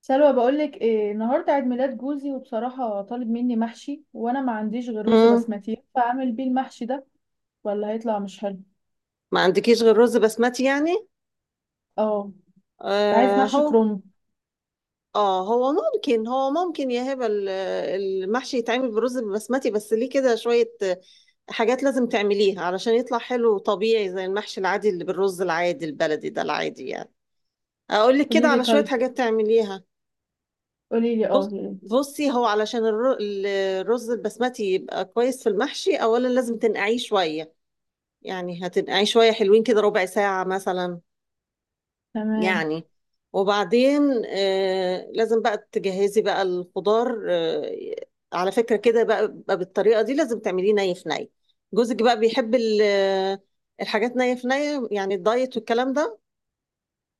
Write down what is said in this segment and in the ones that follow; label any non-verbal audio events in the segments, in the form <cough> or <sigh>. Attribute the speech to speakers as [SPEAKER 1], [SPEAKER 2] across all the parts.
[SPEAKER 1] سلوى، بقولك ايه؟ النهارده عيد ميلاد جوزي وبصراحة طالب مني محشي وانا ما عنديش غير رز
[SPEAKER 2] مم.
[SPEAKER 1] بسمتي، فاعمل بيه المحشي ده ولا هيطلع مش حلو؟
[SPEAKER 2] ما عندكيش غير رز بسمتي يعني؟
[SPEAKER 1] اه، عايز
[SPEAKER 2] آه،
[SPEAKER 1] محشي
[SPEAKER 2] هو
[SPEAKER 1] كروم.
[SPEAKER 2] اه هو ممكن يا هبه، المحشي يتعمل بالرز البسمتي بس ليه كده شويه حاجات لازم تعمليها علشان يطلع حلو وطبيعي زي المحشي العادي اللي بالرز العادي البلدي ده العادي يعني. اقول لك كده
[SPEAKER 1] قوليلي
[SPEAKER 2] على شويه
[SPEAKER 1] طيب،
[SPEAKER 2] حاجات تعمليها.
[SPEAKER 1] قوليلي
[SPEAKER 2] بص
[SPEAKER 1] اه يا ريت.
[SPEAKER 2] بصي هو علشان الرز البسمتي يبقى كويس في المحشي اولا لازم تنقعيه شويه. يعني هتنقعيه شويه حلوين كده ربع ساعه مثلا
[SPEAKER 1] تمام.
[SPEAKER 2] يعني. وبعدين لازم بقى تجهزي بقى الخضار. على فكرة كده بقى بالطريقة دي لازم تعمليه ني في ني. جوزك بقى بيحب الحاجات ني في ني، يعني الدايت والكلام ده.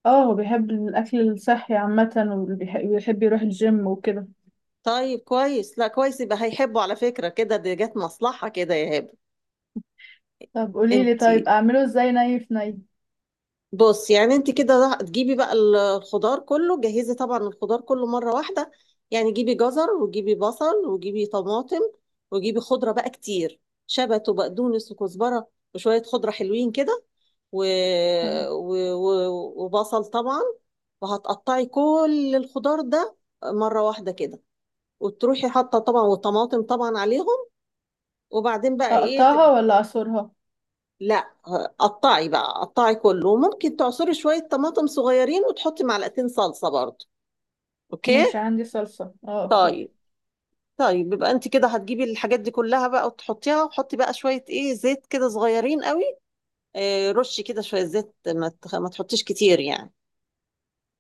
[SPEAKER 1] اه، هو بيحب الاكل الصحي عامة وبيحب يروح الجيم وكده.
[SPEAKER 2] طيب كويس، لا كويس، يبقى هيحبه. على فكرة كده دي جت مصلحة كده يا هبة.
[SPEAKER 1] طب قوليلي
[SPEAKER 2] انت
[SPEAKER 1] طيب، اعمله ازاي ني في ني؟
[SPEAKER 2] بص، يعني انت كده تجيبي بقى الخضار كله، جهزي طبعا الخضار كله مرة واحدة. يعني جيبي جزر وجيبي بصل وجيبي طماطم وجيبي خضرة بقى كتير، شبت وبقدونس وكزبرة وشوية خضرة حلوين كده، و...
[SPEAKER 1] تمام.
[SPEAKER 2] وبصل طبعا. وهتقطعي كل الخضار ده مرة واحدة كده وتروحي حاطة طبعا والطماطم طبعا عليهم. وبعدين بقى ايه؟
[SPEAKER 1] اقطعها ولا اعصرها؟
[SPEAKER 2] لا قطعي بقى، قطعي كله، وممكن تعصري شوية طماطم صغيرين وتحطي معلقتين صلصة برضه. اوكي.
[SPEAKER 1] ماشي، عندي صلصة، اه اوكي.
[SPEAKER 2] طيب. طيب يبقى انت كده هتجيبي الحاجات دي كلها بقى وتحطيها، وحطي بقى شوية ايه زيت كده صغيرين قوي. اه رشي كده شوية زيت، ما تحطيش كتير يعني.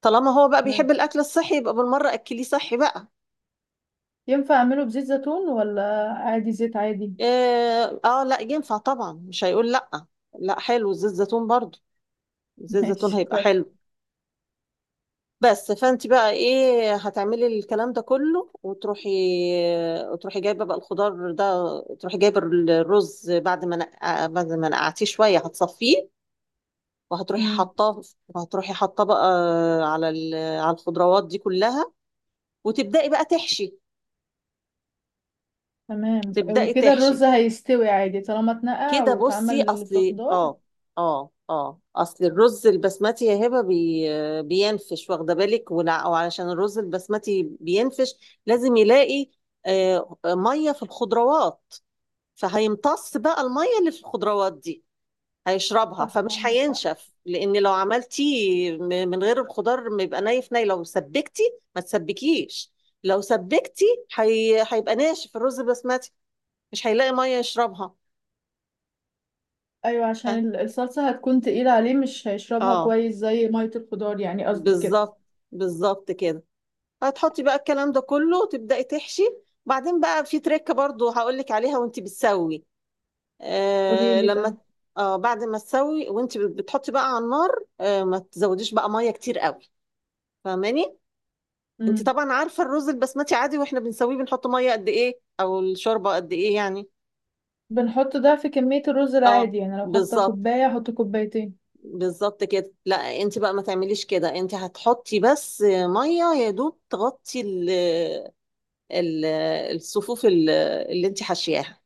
[SPEAKER 2] طالما هو بقى بيحب
[SPEAKER 1] تمام،
[SPEAKER 2] الاكل الصحي يبقى بالمرة اكليه صحي بقى.
[SPEAKER 1] ينفع اعمله بزيت زيتون ولا عادي زيت عادي؟
[SPEAKER 2] اه، اه لا ينفع طبعا، مش هيقول لا. لا حلو زيت زيتون برضه.
[SPEAKER 1] <laughs>
[SPEAKER 2] زيت زيتون
[SPEAKER 1] ماشي.
[SPEAKER 2] هيبقى حلو. بس فانت بقى ايه هتعملي الكلام ده كله وتروحي جايبه بقى الخضار ده، تروحي جايبه الرز بعد ما بعد ما نقعتيه شويه هتصفيه. وهتروحي
[SPEAKER 1] كويس.
[SPEAKER 2] حطاه وهتروحي حطاه بقى على على الخضروات دي كلها، وتبداي بقى تحشي
[SPEAKER 1] تمام،
[SPEAKER 2] وتبداي
[SPEAKER 1] وكده
[SPEAKER 2] تحشي
[SPEAKER 1] الرز هيستوي عادي طالما اتنقع
[SPEAKER 2] كده بصي،
[SPEAKER 1] واتعمل في
[SPEAKER 2] اصلي
[SPEAKER 1] خضار؟
[SPEAKER 2] اه اه اه اصل الرز البسمتي يا هبه بينفش، واخده بالك، وعلشان الرز البسمتي بينفش لازم يلاقي ميه في الخضروات، فهيمتص بقى الميه اللي في الخضروات دي، هيشربها،
[SPEAKER 1] صح،
[SPEAKER 2] فمش
[SPEAKER 1] عندك حق.
[SPEAKER 2] هينشف. لان لو عملتيه من غير الخضار بيبقى نايف لو سبكتي. ما تسبكيش. لو سبكتي هيبقى ناشف الرز البسمتي، مش هيلاقي ميه يشربها.
[SPEAKER 1] ايوه، عشان
[SPEAKER 2] ف-
[SPEAKER 1] الصلصة هتكون تقيلة عليه، مش هيشربها
[SPEAKER 2] اه
[SPEAKER 1] كويس زي مية الخضار، يعني قصدك كده.
[SPEAKER 2] بالظبط. بالظبط كده. هتحطي بقى الكلام ده كله، تبدأي تحشي. بعدين بقى في تريكة برضو هقولك عليها وانت بتسوي.
[SPEAKER 1] قولي
[SPEAKER 2] آه
[SPEAKER 1] لي
[SPEAKER 2] لما
[SPEAKER 1] طيب.
[SPEAKER 2] آه بعد ما تسوي وانت بتحطي بقى على النار، ما تزوديش بقى مية كتير قوي، فاهماني؟ انت
[SPEAKER 1] امم.
[SPEAKER 2] طبعا عارفة الرز البسمتي عادي واحنا بنسويه بنحط مية قد ايه او الشوربة قد ايه يعني.
[SPEAKER 1] بنحط ضعف كمية الرز
[SPEAKER 2] اه
[SPEAKER 1] العادي، يعني لو حاطة
[SPEAKER 2] بالظبط.
[SPEAKER 1] كوباية احط كوبايتين.
[SPEAKER 2] بالظبط كده. لا انت بقى ما تعمليش كده، انت هتحطي بس ميه يا دوب تغطي ال- الصفوف اللي انت حاشياها،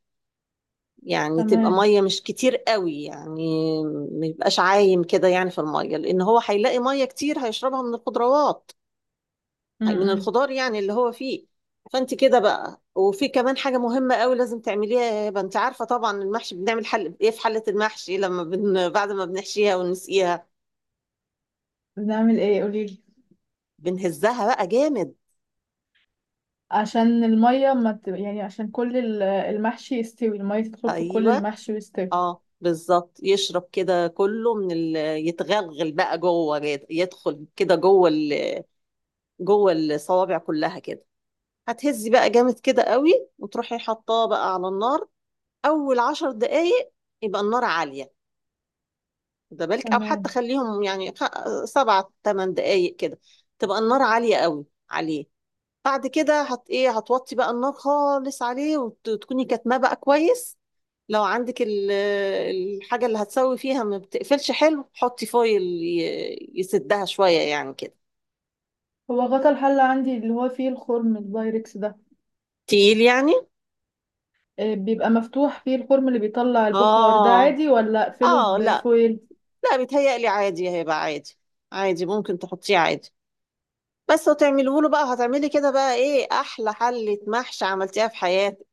[SPEAKER 2] يعني تبقى
[SPEAKER 1] تمام.
[SPEAKER 2] ميه مش كتير قوي يعني. ما يبقاش عايم كده يعني في الميه، لان هو هيلاقي ميه كتير هيشربها من الخضروات، من
[SPEAKER 1] امم.
[SPEAKER 2] الخضار يعني اللي هو فيه. فانت كده بقى، وفي كمان حاجه مهمه قوي لازم تعمليها يا هبه. انت عارفه طبعا المحشي بنعمل حل ايه في حله المحشي لما بعد ما بنحشيها ونسقيها،
[SPEAKER 1] بنعمل ايه؟ قولي لي.
[SPEAKER 2] بنهزها بقى جامد.
[SPEAKER 1] عشان المية ما ت... يعني عشان كل المحشي يستوي، المية تدخل في كل
[SPEAKER 2] ايوه،
[SPEAKER 1] المحشي ويستوي.
[SPEAKER 2] اه بالظبط، يشرب كده كله يتغلغل بقى جوه كده، يدخل كده جوه الصوابع كلها كده. هتهزي بقى جامد كده قوي وتروحي حطاه بقى على النار. اول 10 دقايق يبقى النار عالية، ده بالك، او حتى
[SPEAKER 1] تمام.
[SPEAKER 2] خليهم يعني سبع ثمان دقايق كده، تبقى النار عالية قوي عليه. بعد كده هت ايه هتوطي بقى النار خالص عليه وتكوني كاتماه بقى كويس. لو عندك الحاجة اللي هتسوي فيها ما بتقفلش حلو حطي فويل يسدها شوية يعني كده.
[SPEAKER 1] هو غطا الحلة عندي اللي هو فيه الخرم، البايركس ده.
[SPEAKER 2] تقيل يعني.
[SPEAKER 1] آه، بيبقى مفتوح فيه الخرم اللي بيطلع البخار ده
[SPEAKER 2] اه،
[SPEAKER 1] عادي، ولا اقفله
[SPEAKER 2] اه لا.
[SPEAKER 1] بفويل؟
[SPEAKER 2] لا بيتهيألي عادي، هيبقى عادي. عادي ممكن تحطيه عادي. بس وتعمله له بقى، هتعملي كده بقى ايه احلى حلة محشي عملتيها في حياتك.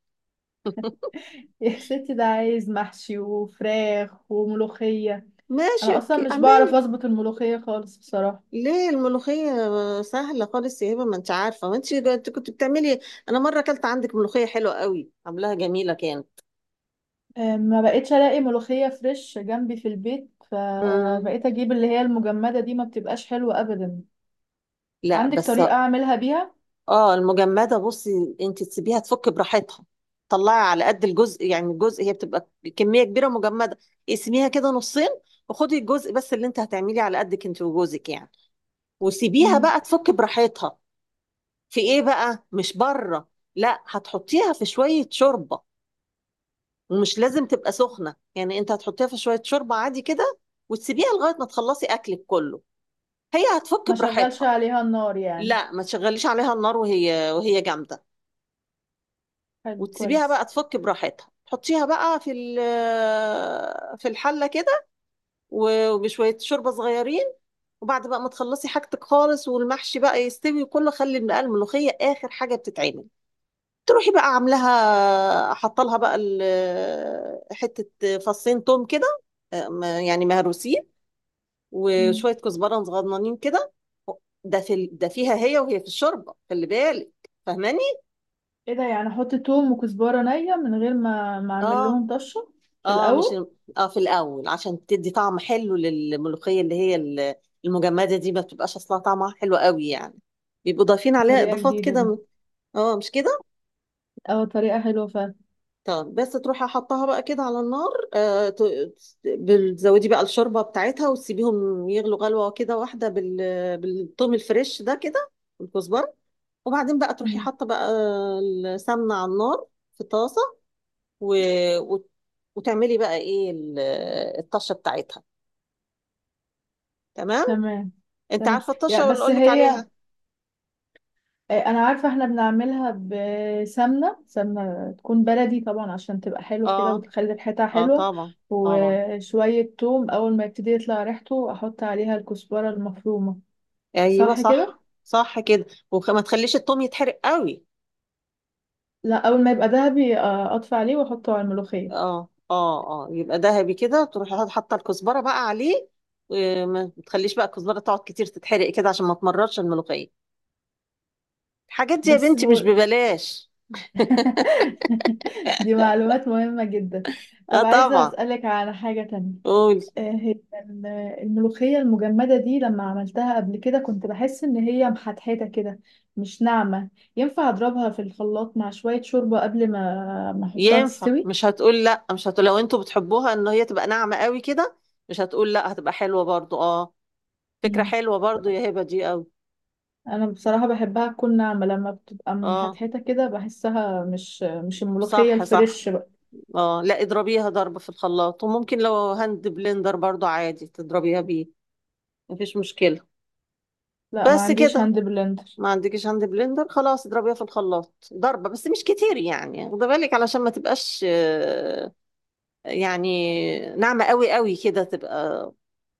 [SPEAKER 1] <laughs> يا ستي، ده عايز محشي وفراخ وملوخية.
[SPEAKER 2] ماشي
[SPEAKER 1] انا اصلا
[SPEAKER 2] اوكي
[SPEAKER 1] مش
[SPEAKER 2] اعملي.
[SPEAKER 1] بعرف اظبط الملوخية خالص بصراحة.
[SPEAKER 2] ليه الملوخية؟ سهلة خالص يا هبة، ما انت عارفة، ما انت كنت بتعملي. انا مرة اكلت عندك ملوخية حلوة قوي، عاملاها جميلة كانت.
[SPEAKER 1] آه، ما بقتش الاقي ملوخية فريش جنبي في البيت،
[SPEAKER 2] مم.
[SPEAKER 1] فبقيت اجيب اللي هي المجمدة دي، ما بتبقاش حلوة ابدا.
[SPEAKER 2] لا
[SPEAKER 1] عندك
[SPEAKER 2] بس.
[SPEAKER 1] طريقة اعملها بيها؟
[SPEAKER 2] اه المجمدة بصي انت تسيبيها تفك براحتها. طلعي على قد الجزء، يعني الجزء هي بتبقى كمية كبيرة مجمدة، اقسميها كده نصين وخدي الجزء بس اللي انت هتعمليه على قدك انت وجوزك يعني، وسيبيها
[SPEAKER 1] مم.
[SPEAKER 2] بقى تفك براحتها. في ايه بقى مش بره. لا هتحطيها في شوية شوربة، ومش لازم تبقى سخنة يعني، انت هتحطيها في شوية شوربة عادي كده وتسيبيها لغاية ما تخلصي اكلك كله، هي هتفك
[SPEAKER 1] ما شغلش
[SPEAKER 2] براحتها.
[SPEAKER 1] عليها النار يعني؟
[SPEAKER 2] لا ما تشغليش عليها النار وهي جامدة،
[SPEAKER 1] حلو،
[SPEAKER 2] وتسيبيها
[SPEAKER 1] كويس.
[SPEAKER 2] بقى تفك براحتها، تحطيها بقى في الحله كده وبشويه شوربه صغيرين. وبعد بقى ما تخلصي حاجتك خالص والمحشي بقى يستوي كله، خلي الملوخيه اخر حاجه بتتعمل. تروحي بقى عاملاها، حاطه لها بقى حته فصين توم كده يعني مهروسين،
[SPEAKER 1] مم.
[SPEAKER 2] وشويه كزبره صغننين كده. ده فيها، هي وهي في الشوربه، خلي بالك. فاهماني؟
[SPEAKER 1] ايه ده؟ يعني احط توم وكزبرة نية من غير ما اعمل
[SPEAKER 2] اه،
[SPEAKER 1] لهم طشة في
[SPEAKER 2] اه مش
[SPEAKER 1] الاول؟
[SPEAKER 2] اه في الاول عشان تدي طعم حلو للملوخيه، اللي هي المجمده دي ما بتبقاش اصلا طعمها حلو قوي يعني، بيبقوا ضايفين عليها
[SPEAKER 1] طريقة
[SPEAKER 2] اضافات
[SPEAKER 1] جديدة
[SPEAKER 2] كده
[SPEAKER 1] دي.
[SPEAKER 2] م- اه مش كده.
[SPEAKER 1] اه، طريقة حلوة فعلا.
[SPEAKER 2] طب بس تروحي حطها بقى كده على النار، بتزودي بقى الشوربه بتاعتها وتسيبيهم يغلوا غلوه كده واحده، بالثوم الفريش ده كده والكزبره. وبعدين بقى تروحي
[SPEAKER 1] مم.
[SPEAKER 2] حاطه بقى السمنه على النار في طاسه و... وت- وتعملي بقى ايه الطشه بتاعتها. تمام.
[SPEAKER 1] تمام.
[SPEAKER 2] انت
[SPEAKER 1] تمام،
[SPEAKER 2] عارفه
[SPEAKER 1] يا
[SPEAKER 2] الطشه ولا
[SPEAKER 1] بس
[SPEAKER 2] اقول لك
[SPEAKER 1] هي.
[SPEAKER 2] عليها؟
[SPEAKER 1] آه، انا عارفة، احنا بنعملها بسمنة، سمنة تكون بلدي طبعا عشان تبقى حلوة كده
[SPEAKER 2] اه،
[SPEAKER 1] وتخلي الحتة
[SPEAKER 2] اه
[SPEAKER 1] حلوة.
[SPEAKER 2] طبعا. طبعا.
[SPEAKER 1] وشوية توم، اول ما يبتدي يطلع ريحته احط عليها الكزبرة المفرومة.
[SPEAKER 2] ايوه
[SPEAKER 1] صح كده.
[SPEAKER 2] صح صح كده، وما تخليش التوم يتحرق قوي.
[SPEAKER 1] لا، اول ما يبقى ذهبي آه، اطفي عليه واحطه على الملوخية.
[SPEAKER 2] اه، اه، اه يبقى ذهبي كده، تروحي حاطه الكزبره بقى عليه، وما تخليش بقى الكزبره تقعد كتير تتحرق كده عشان ما تمررش الملوخيه. الحاجات دي يا
[SPEAKER 1] بس
[SPEAKER 2] بنتي مش
[SPEAKER 1] هو.
[SPEAKER 2] ببلاش.
[SPEAKER 1] <laughs> دي معلومات مهمة جدا.
[SPEAKER 2] اه
[SPEAKER 1] طب عايزة
[SPEAKER 2] طبعا.
[SPEAKER 1] اسألك على حاجة تانية.
[SPEAKER 2] قولي.
[SPEAKER 1] آه، هي الملوخية المجمدة دي لما عملتها قبل كده كنت بحس إن هي محتحتة كده، مش ناعمة. ينفع أضربها في الخلاط مع شوية شوربة قبل ما أحطها
[SPEAKER 2] ينفع،
[SPEAKER 1] تستوي؟
[SPEAKER 2] مش هتقول لا، مش هتقول، لو انتوا بتحبوها ان هي تبقى ناعمه قوي كده مش هتقول لا، هتبقى حلوه برضو اه. فكره
[SPEAKER 1] مم.
[SPEAKER 2] حلوه برضو يا هبه دي قوي.
[SPEAKER 1] أنا بصراحة بحبها تكون ناعمة، لما بتبقى
[SPEAKER 2] اه
[SPEAKER 1] محتحتة كده بحسها مش الملوخية
[SPEAKER 2] صح صح.
[SPEAKER 1] الفريش بقى.
[SPEAKER 2] اه لا اضربيها ضرب في الخلاط، وممكن لو هاند بلندر برضو عادي تضربيها بيه، مفيش مشكلة.
[SPEAKER 1] لا، ما
[SPEAKER 2] بس
[SPEAKER 1] عنديش
[SPEAKER 2] كده.
[SPEAKER 1] هاند بلندر.
[SPEAKER 2] ما عندكش هاند بلندر، خلاص اضربيها في الخلاط ضربة بس مش كتير يعني، خد بالك علشان ما تبقاش يعني ناعمة قوي قوي كده تبقى.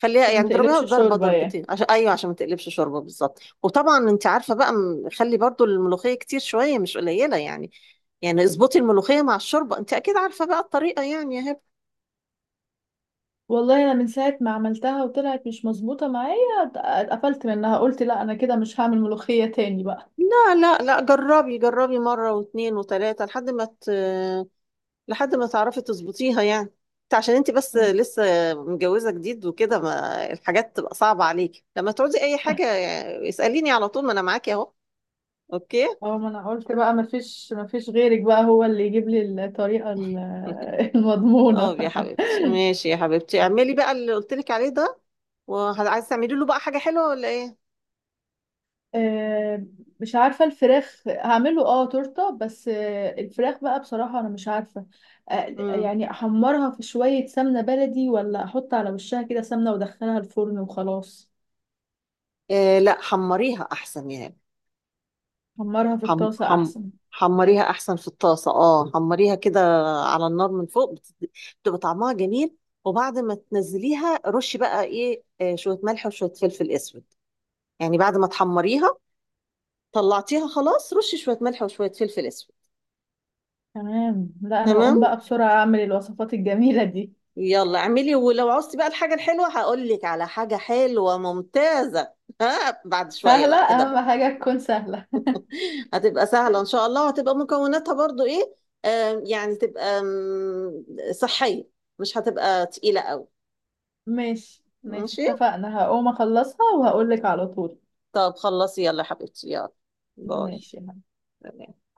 [SPEAKER 2] خليها
[SPEAKER 1] فما
[SPEAKER 2] يعني اضربيها
[SPEAKER 1] تقلبش
[SPEAKER 2] ضربة
[SPEAKER 1] شوربة يعني؟
[SPEAKER 2] ضربتين عشان ما تقلبش شوربة بالظبط. وطبعا انت عارفة بقى خلي برضو الملوخية كتير شوية مش قليلة يعني، يعني اظبطي الملوخية مع الشوربة، انت اكيد عارفة بقى الطريقة يعني يا هبة.
[SPEAKER 1] والله أنا من ساعة ما عملتها وطلعت مش مظبوطة معايا، اتقفلت منها، قلت لا أنا كده مش هعمل ملوخية تاني بقى.
[SPEAKER 2] لا لا لا جربي، جربي مرة واثنين وثلاثة لحد ما لحد ما تعرفي تظبطيها يعني. انت عشان انت بس لسه متجوزة جديد وكده، ما الحاجات تبقى صعبة عليكي، لما تعوزي اي حاجة اسأليني على طول ما انا معاكي اهو. اوكي.
[SPEAKER 1] اه، ما انا قلت بقى ما فيش غيرك بقى، هو اللي يجيب لي الطريقة
[SPEAKER 2] <laughs>
[SPEAKER 1] <laughs> المضمونة.
[SPEAKER 2] اه يا حبيبتي
[SPEAKER 1] <laughs>
[SPEAKER 2] ماشي يا حبيبتي، اعملي بقى اللي قلت لك عليه ده. وعايزه تعملي له بقى حاجة حلوة ولا ايه؟
[SPEAKER 1] آه، مش عارفة. الفراخ هعمله اه تورتة، بس آه، الفراخ بقى بصراحة انا مش عارفة. آه،
[SPEAKER 2] امم.
[SPEAKER 1] يعني احمرها في شوية سمنة بلدي، ولا احط على وشها كده سمنة وادخلها الفرن وخلاص؟
[SPEAKER 2] لا حمريها احسن يا.
[SPEAKER 1] احمرها في
[SPEAKER 2] حم
[SPEAKER 1] الطاسة
[SPEAKER 2] حم
[SPEAKER 1] احسن.
[SPEAKER 2] حمريها احسن في الطاسه، اه حمريها كده على النار من فوق، بتبقى طعمها جميل، وبعد ما تنزليها رشي بقى ايه آه، شويه ملح وشويه فلفل اسود. يعني بعد ما تحمريها، طلعتيها خلاص، رشي شويه ملح وشويه فلفل اسود.
[SPEAKER 1] تمام، لا انا
[SPEAKER 2] تمام.
[SPEAKER 1] هقوم بقى بسرعة اعمل الوصفات الجميلة دي.
[SPEAKER 2] يلا اعملي، ولو عوزتي بقى الحاجه الحلوه هقول لك على حاجه حلوه ممتازه <laughs> ها بعد شويه
[SPEAKER 1] سهلة،
[SPEAKER 2] بقى كده.
[SPEAKER 1] اهم حاجة تكون سهلة.
[SPEAKER 2] هتبقى سهلة إن شاء الله، وهتبقى مكوناتها برضو إيه آم، يعني تبقى صحية، مش هتبقى تقيلة قوي.
[SPEAKER 1] ماشي ماشي،
[SPEAKER 2] ماشي.
[SPEAKER 1] اتفقنا، هقوم اخلصها وهقولك على طول.
[SPEAKER 2] طب خلصي يلا يا حبيبتي يلا. باي.
[SPEAKER 1] ماشي.
[SPEAKER 2] سلام.